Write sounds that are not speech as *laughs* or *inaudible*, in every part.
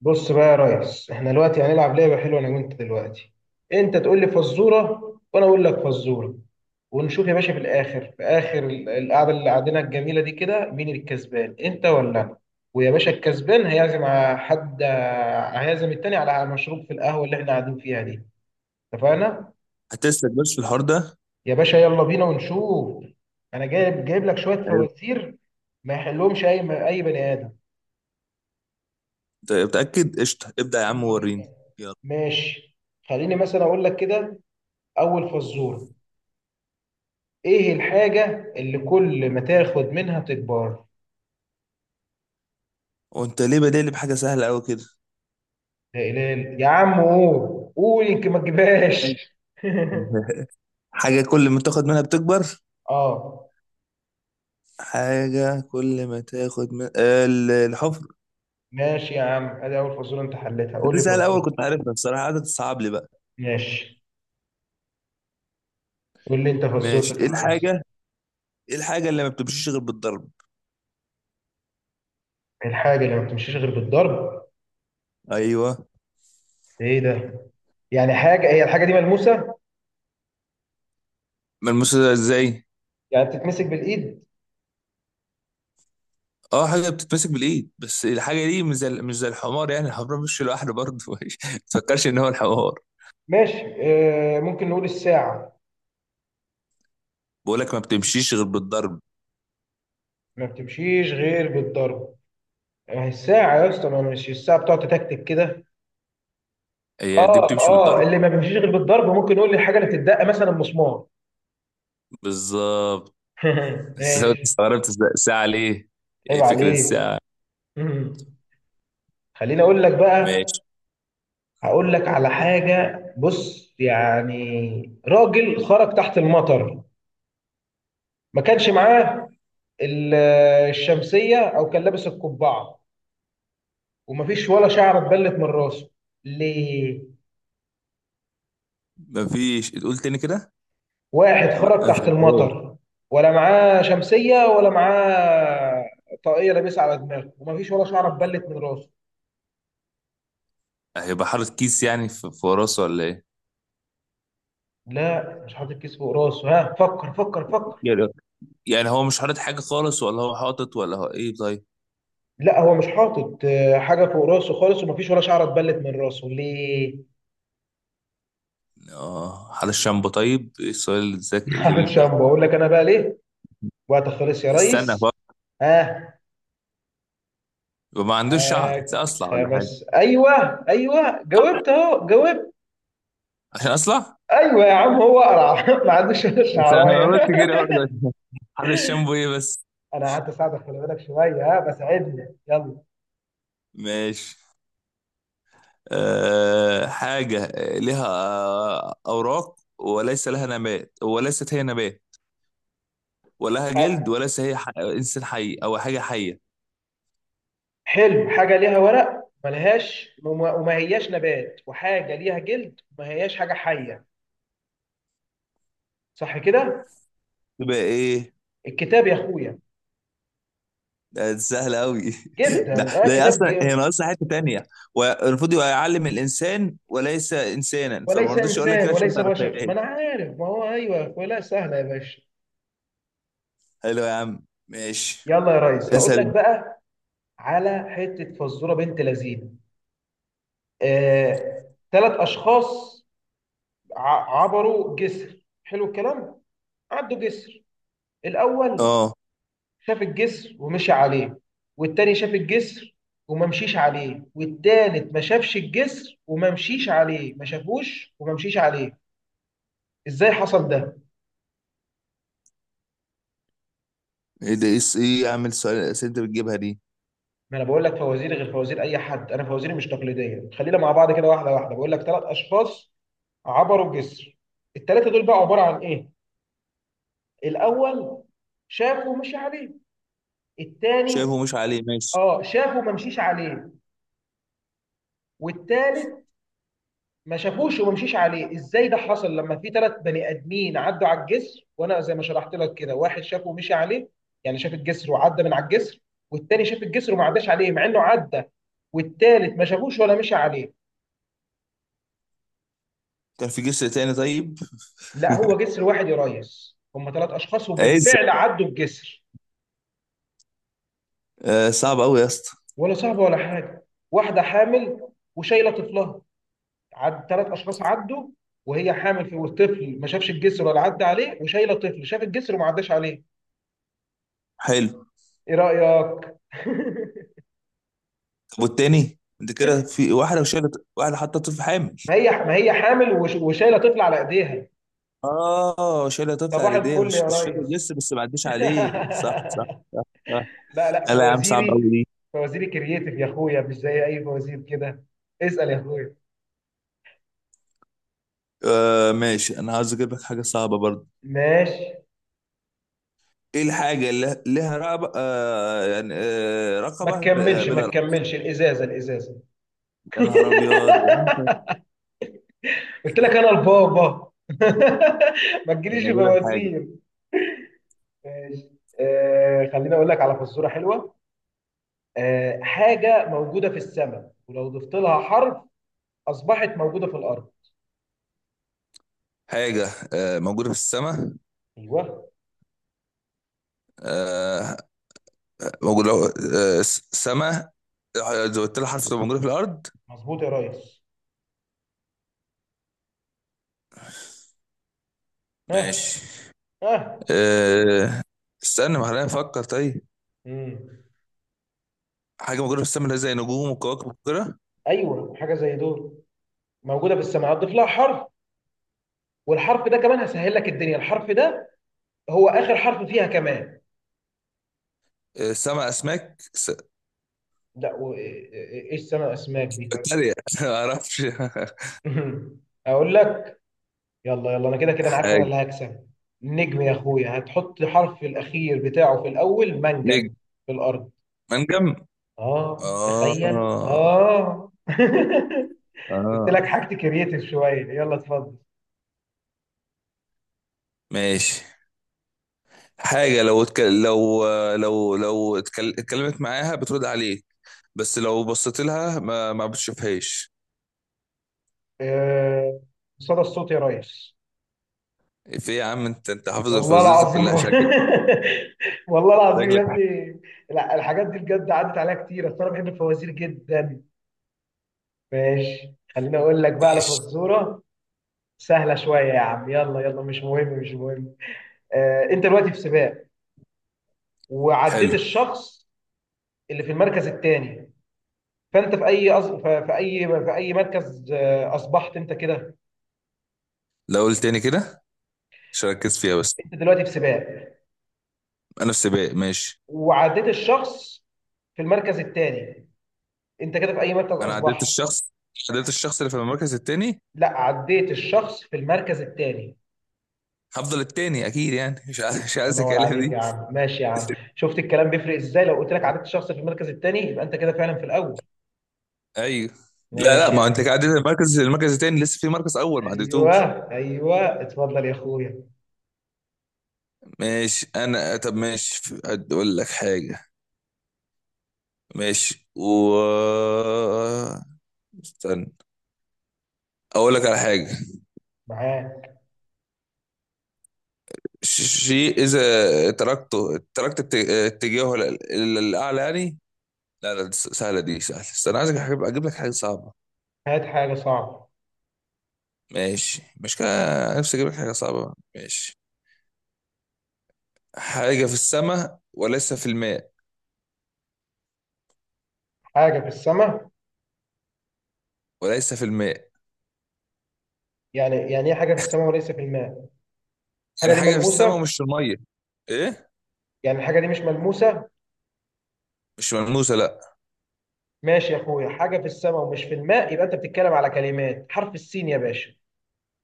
بص بقى يا ريس، احنا دلوقتي هنلعب لعبة حلوة انا وانت دلوقتي. انت تقول لي فزورة وانا اقول لك فزورة، ونشوف يا باشا في الاخر، في اخر القعدة اللي قعدنا الجميلة دي كده، مين الكسبان، انت ولا انا؟ ويا باشا، الكسبان هيعزم على حد، هيعزم التاني على مشروب في القهوة اللي احنا قاعدين فيها دي. اتفقنا؟ هتسلك بس في الحوار ده؟ يا باشا يلا بينا ونشوف. انا جايب لك شوية حلو. فوازير ما يحلهمش اي بني ادم. أنت متأكد؟ قشطة، ابدأ يا عم يلا وريني. بينا. يلا. ماشي، خليني مثلا اقول لك كده. أول فزورة: إيه الحاجة اللي كل ما تاخد منها تكبر؟ وانت ليه بادئ بحاجة سهلة قوي كده؟ لا إله إلا- يا عم قول قول، يمكن ما تجيبهاش. *laughs* *laughs* حاجة كل ما تاخد منها بتكبر. آه، حاجة كل ما تاخد من الحفر. ماشي يا عم، أدي أول فزورة أنت حلتها، قول دي لي سهلة، الأول فزورة. كنت عارفها الصراحة، قعدت تصعب لي بقى. ماشي، قول لي أنت ماشي. فزورتك يا ريس. ايه الحاجة اللي ما بتمشيش غير بالضرب؟ الحاجة اللي ما بتمشيش غير بالضرب. أيوه. إيه ده؟ يعني حاجة، هي الحاجة دي ملموسة؟ ملموسة ده ازاي؟ يعني بتتمسك بالإيد؟ اه، حاجة بتتمسك بالإيد، بس الحاجة دي مش زي الحمار، يعني الحمار مش لوحده برضه. *laughs* ما تفكرش إن هو الحمار. ماشي. ممكن نقول الساعة. بقول لك ما بتمشيش غير بالضرب. ما بتمشيش غير بالضرب. آه، الساعة يا اسطى، ما مش الساعة بتقعد تتكتك كده. هي دي اه بتمشي اه، بالضرب. اللي ما بيمشيش غير بالضرب، ممكن يقول لي الحاجه اللي بتدق مثلا مسمار. بالظبط. *laughs* *laughs* بس أنا ماشي. استغربت الساعة ليه؟ عيب ايه فكرة عليك. الساعة؟ مم. خليني اقول لك بقى. ماشي. هقول لك على حاجه. بص يعني راجل خرج تحت المطر، ما كانش معاه ال- الشمسيه او كان لابس القبعه، ومفيش ولا شعره اتبلت من راسه. ليه؟ مفيش، تقول تاني كده؟ واحد ما خرج ما تحت فهمتهاش. المطر، ولا معاه شمسيه، ولا معاه طاقيه لابسها على دماغه، ومفيش ولا شعره اتبلت من راسه. هيبقى حاطط كيس يعني في راسه ولا ايه؟ لا، مش حاطط كيس فوق راسه. ها، فكر فكر فكر. يعني يعني هو مش حاطط حاجة خالص، ولا هو حاطط، ولا هو ايه طيب؟ لا، هو مش حاطط حاجه فوق راسه خالص، ومفيش ولا شعره اتبلت من راسه. ليه؟ اه حاطط شامبو طيب؟ ايه السؤال الذكي *laughs* حاطط الغريب ده؟ شامبو؟ اقول لك انا بقى ليه. وقت خلص يا استنى بقى. ريس. ها، يبقى ما عندوش شعر، لا معاك اصلع ولا حاجة. خمس. ايوه ايوه، جاوبت اهو، جاوبت. عشان اصلع؟ *laughs* ايوه يا عم، هو قرع. *laughs* ما عندوش ولا عشان شعرايه. انا قلت كده *laughs* برضه. *laughs* حاطط شامبو ايه بس؟ انا قعدت اساعدك، خلي بالك شويه. ها، بساعدني يلا. ماشي. حاجة لها أوراق وليس لها نبات وليست هي نبات، ولا لها جلد، ح- وليس هي إنسان حي أو حاجة حية. حلو، حاجه ليها ورق ملهاش، وما هياش نبات، وحاجه ليها جلد وما هياش حاجه حيه. صح كده. تبقى إيه؟ الكتاب يا اخويا. ده سهلة أوي. *laughs* ده جدا، اه، لا، هي كتاب أصلا هي ناقصة حتة تانية، والمفروض يبقى يعلم الإنسان وليس إنسانا، فما وليس رضيتش أقول لك انسان كده عشان ما وليس بشر، تعرفهاش. ما انا عارف، ما هو ايوه يا اخويا، لا سهله يا باشا. حلو يا عم، ماشي. يلا يا ريس، هقول اسأل لك أنت. بقى على حته فزوره بنت لذينه. آه، ثلاث اشخاص عبروا جسر. حلو الكلام. عدوا جسر. الاول أه، شاف الجسر ومشي عليه، والتاني شاف الجسر وما مشيش عليه، والتالت ما شافش الجسر وما مشيش عليه. ما شافوش وما مشيش عليه. ازاي حصل ده؟ إيه ده، إيه يا عم السؤال؟ الأسئلة أنت بتجيبها دي. ما انا بقول لك فوازير غير فوازير اي حد، انا فوازيري مش تقليديه. خلينا مع بعض كده، واحده واحده. بقول لك ثلاث اشخاص عبروا جسر، الثلاثه دول بقى عباره عن ايه. الاول شافه مشي عليه. الثاني، شايفه مش عليه، ماشي. اه، شافه ما مشيش عليه. والثالث ما شافوش وما مشيش عليه. ازاي ده حصل، لما في ثلاث بني ادمين عدوا على الجسر؟ وانا زي ما شرحت لك كده، واحد شافه ومشي عليه، يعني شاف الجسر وعدى من على الجسر، والثاني شاف الجسر وما عداش عليه مع انه عدى، والثالث ما شافوش ولا مشي عليه. كان في جسر تاني طيب؟ لا، هو جسر واحد يا ريس، هم ثلاث اشخاص اسأل. وبالفعل عدوا الجسر. صعب أوي يا اسطى. ولا صعبه ولا حاجه. واحده حامل وشايله طفلها، عد ثلاث اشخاص عدوا، وهي حامل في، والطفل ما شافش الجسر ولا عدى عليه، وشايله طفل شاف الجسر وما عداش عليه. حلو. ايه رايك؟ طب والتاني انت كده، في واحده شايله، واحده حاطه طفل حامل؟ *laughs* ما هي حامل وشايله طفل على ايديها. اه، شايله طفل صباح على ايديها، الفل يا شكله ريس. لسه، بس ما عدوش *laughs* عليه، صح صح. صح صح. لا لا، لا لا يا عم، صعب قوي فوازيري دي. فوازيري كرييتيف يا اخويا، مش زي اي فوازير كده. اسال يا اخويا. آه ماشي، انا عاوز اجيب لك حاجه صعبه برضه. ماشي. ايه الحاجه اللي لها رقبه يعني ما رقبه تكملش ما بلا رقبه؟ تكملش، الازازه الازازه. يا نهار ابيض يا عم، طب. *laughs* قلت لك انا البابا. *laughs* ما تجيليش انا في اجيب لك حاجه. مواسير. ماشي. خليني اقول لك على فزوره حلوه. حاجه موجوده في السماء، ولو ضفت لها حرف اصبحت موجوده في الارض. حاجه موجوده في السماء. ايوه. آه موجوده السماء، زودت لها حرف تبقى موجوده في الارض. مظبوط يا ريس. ها. ماشي. ها. أه. استنى ما خلينا نفكر طيب. مم. حاجه موجوده في السماء اللي هي زي نجوم وكواكب وكده. ايوه، حاجه زي دول موجوده في السماء، هتضيف لها حرف، والحرف ده كمان هسهل لك الدنيا، الحرف ده هو اخر حرف فيها كمان. أه، سما اسماك لا، ايه، إيه السماء اسماك دي؟ بكتيريا. *laughs* ما اعرفش. *laughs* اقول لك. يلا يلا، انا كده كده انا *laughs* عارف، انا حاجه. اللي هكسب. نجم يا اخويا، هتحط حرف الاخير بتاعه في الاول، نجم. منجم في الارض. منجم. اه، اه تخيل، اه. *laughs* قلت لك اه، حاجتي كرييتيف شويه. يلا اتفضل. ماشي. حاجه لو لو اتكلمت معاها بترد عليك، بس لو بصيت لها ما بتشوفهاش. آه، صدى الصوت يا ريس. في إيه يا عم، انت حافظ والله الفوازير العظيم. *laughs* كلها شكلك. والله العظيم يا شكلك. ابني. لا، الحاجات دي بجد عدت عليها كتير، أصل انا بحب الفوازير جدا. ماشي، خليني اقول لك بقى على ماشي. فزوره سهلة شوية يا عم. يلا يلا، مش مهم مش مهم. انت دلوقتي في سباق، وعديت حلو. الشخص اللي في المركز الثاني. فانت في اي أص... ف- في اي في اي مركز اصبحت انت كده؟ لو قلت تاني كده، عشان اركز فيها بس. انت دلوقتي في سباق، انا في سباق، ماشي. وعديت الشخص في المركز الثاني، انت كده في اي مركز انا عديت اصبحت؟ الشخص. عديت الشخص اللي في المركز التاني. لا، عديت الشخص في المركز الثاني. هفضل التاني اكيد، يعني الله مش عايز ينور اكلم عليك يا دي. عم، ماشي يا عم. شفت الكلام بيفرق ازاي؟ لو قلت لك عديت الشخص في المركز الثاني، يبقى انت كده فعلا في الاول. ايوه. لا لا، ماشي يا ما انت عم. عديت المركز التاني، لسه في مركز اول ما ايوه عديتوش. ايوه، اتفضل يا اخويا. ماشي انا، طب ماشي، اقول لك حاجه. ماشي استنى. اقول لك على حاجه. معاك. ش- شيء اذا تركته تركت اتجاهه للاعلى يعني. لا لا سهله دي، سهله، استنى، عايزك أجيب لك حاجه صعبه. هات حاجه صعبه. ماشي، مش كده. نفسي اجيب لك حاجه صعبه بقى. ماشي. حاجه في السماء وليس في الماء. حاجه في السماء. وليس في الماء. يعني ايه حاجه في السماء وليس في الماء؟ الحاجه يعني دي حاجه في السماء ملموسه؟ ومش في الميه. ايه. يعني الحاجه دي مش ملموسه. مش ملموسه، لا. ماشي يا اخويا، حاجه في السماء ومش في الماء، يبقى انت بتتكلم على كلمات حرف السين يا باشا.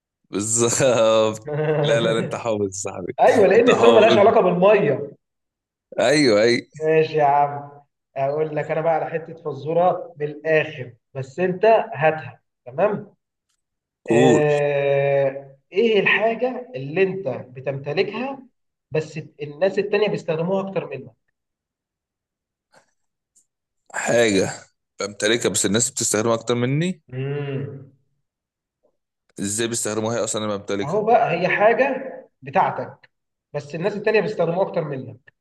*laughs* بالظبط. لا لا لا، انت حافظ يا صاحبي. *laughs* ايوه، لان انت السماء ملهاش حافظ. علاقه بالميه. ايوه اي. ماشي يا عم. اقول لك انا بقى على حته فزوره بالاخر، بس انت هاتها، تمام. قول. ايه الحاجة اللي انت بتمتلكها، بس الناس التانية بيستخدموها اكتر منك؟ حاجه بمتلكها، بس الناس بتستخدمها اكتر مني. امم ازاي بيستخدموها هي اصلا انا بمتلكها؟ اهو بقى، هي حاجة بتاعتك بس الناس التانية بيستخدموها اكتر منك.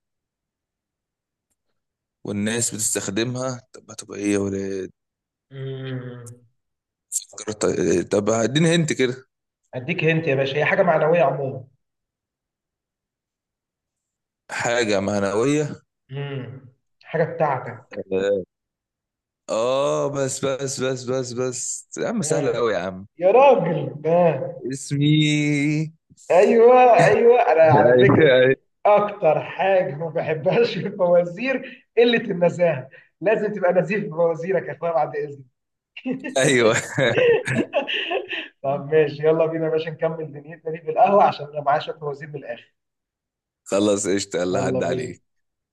والناس بتستخدمها، طب هتبقى ايه ولا إيه؟ امم فكرت- طب اديني هنت كده. اديك هنت يا باشا، هي حاجة معنوية عموما. حاجه معنويه. امم حاجة بتاعتك. اه، بس بس بس بس بس يا عم، سهلة آه. قوي يا عم. يا راجل، آه. اسمي. ايوه ايوه، انا على *laughs* فكرة ايوه. اكتر حاجة ما بحبهاش في الفوازير قلة النزاهة. لازم تبقى نزيف في فوازيرك يا اخويا، بعد اذنك. *laughs* ايوه. *laughs* طب ماشي، يلا بينا يا باشا نكمل دنيتنا دي في القهوة، عشان انا معايا شوية فوازير من الآخر. خلاص، قشطة، يلا يلا عدى بينا. عليك.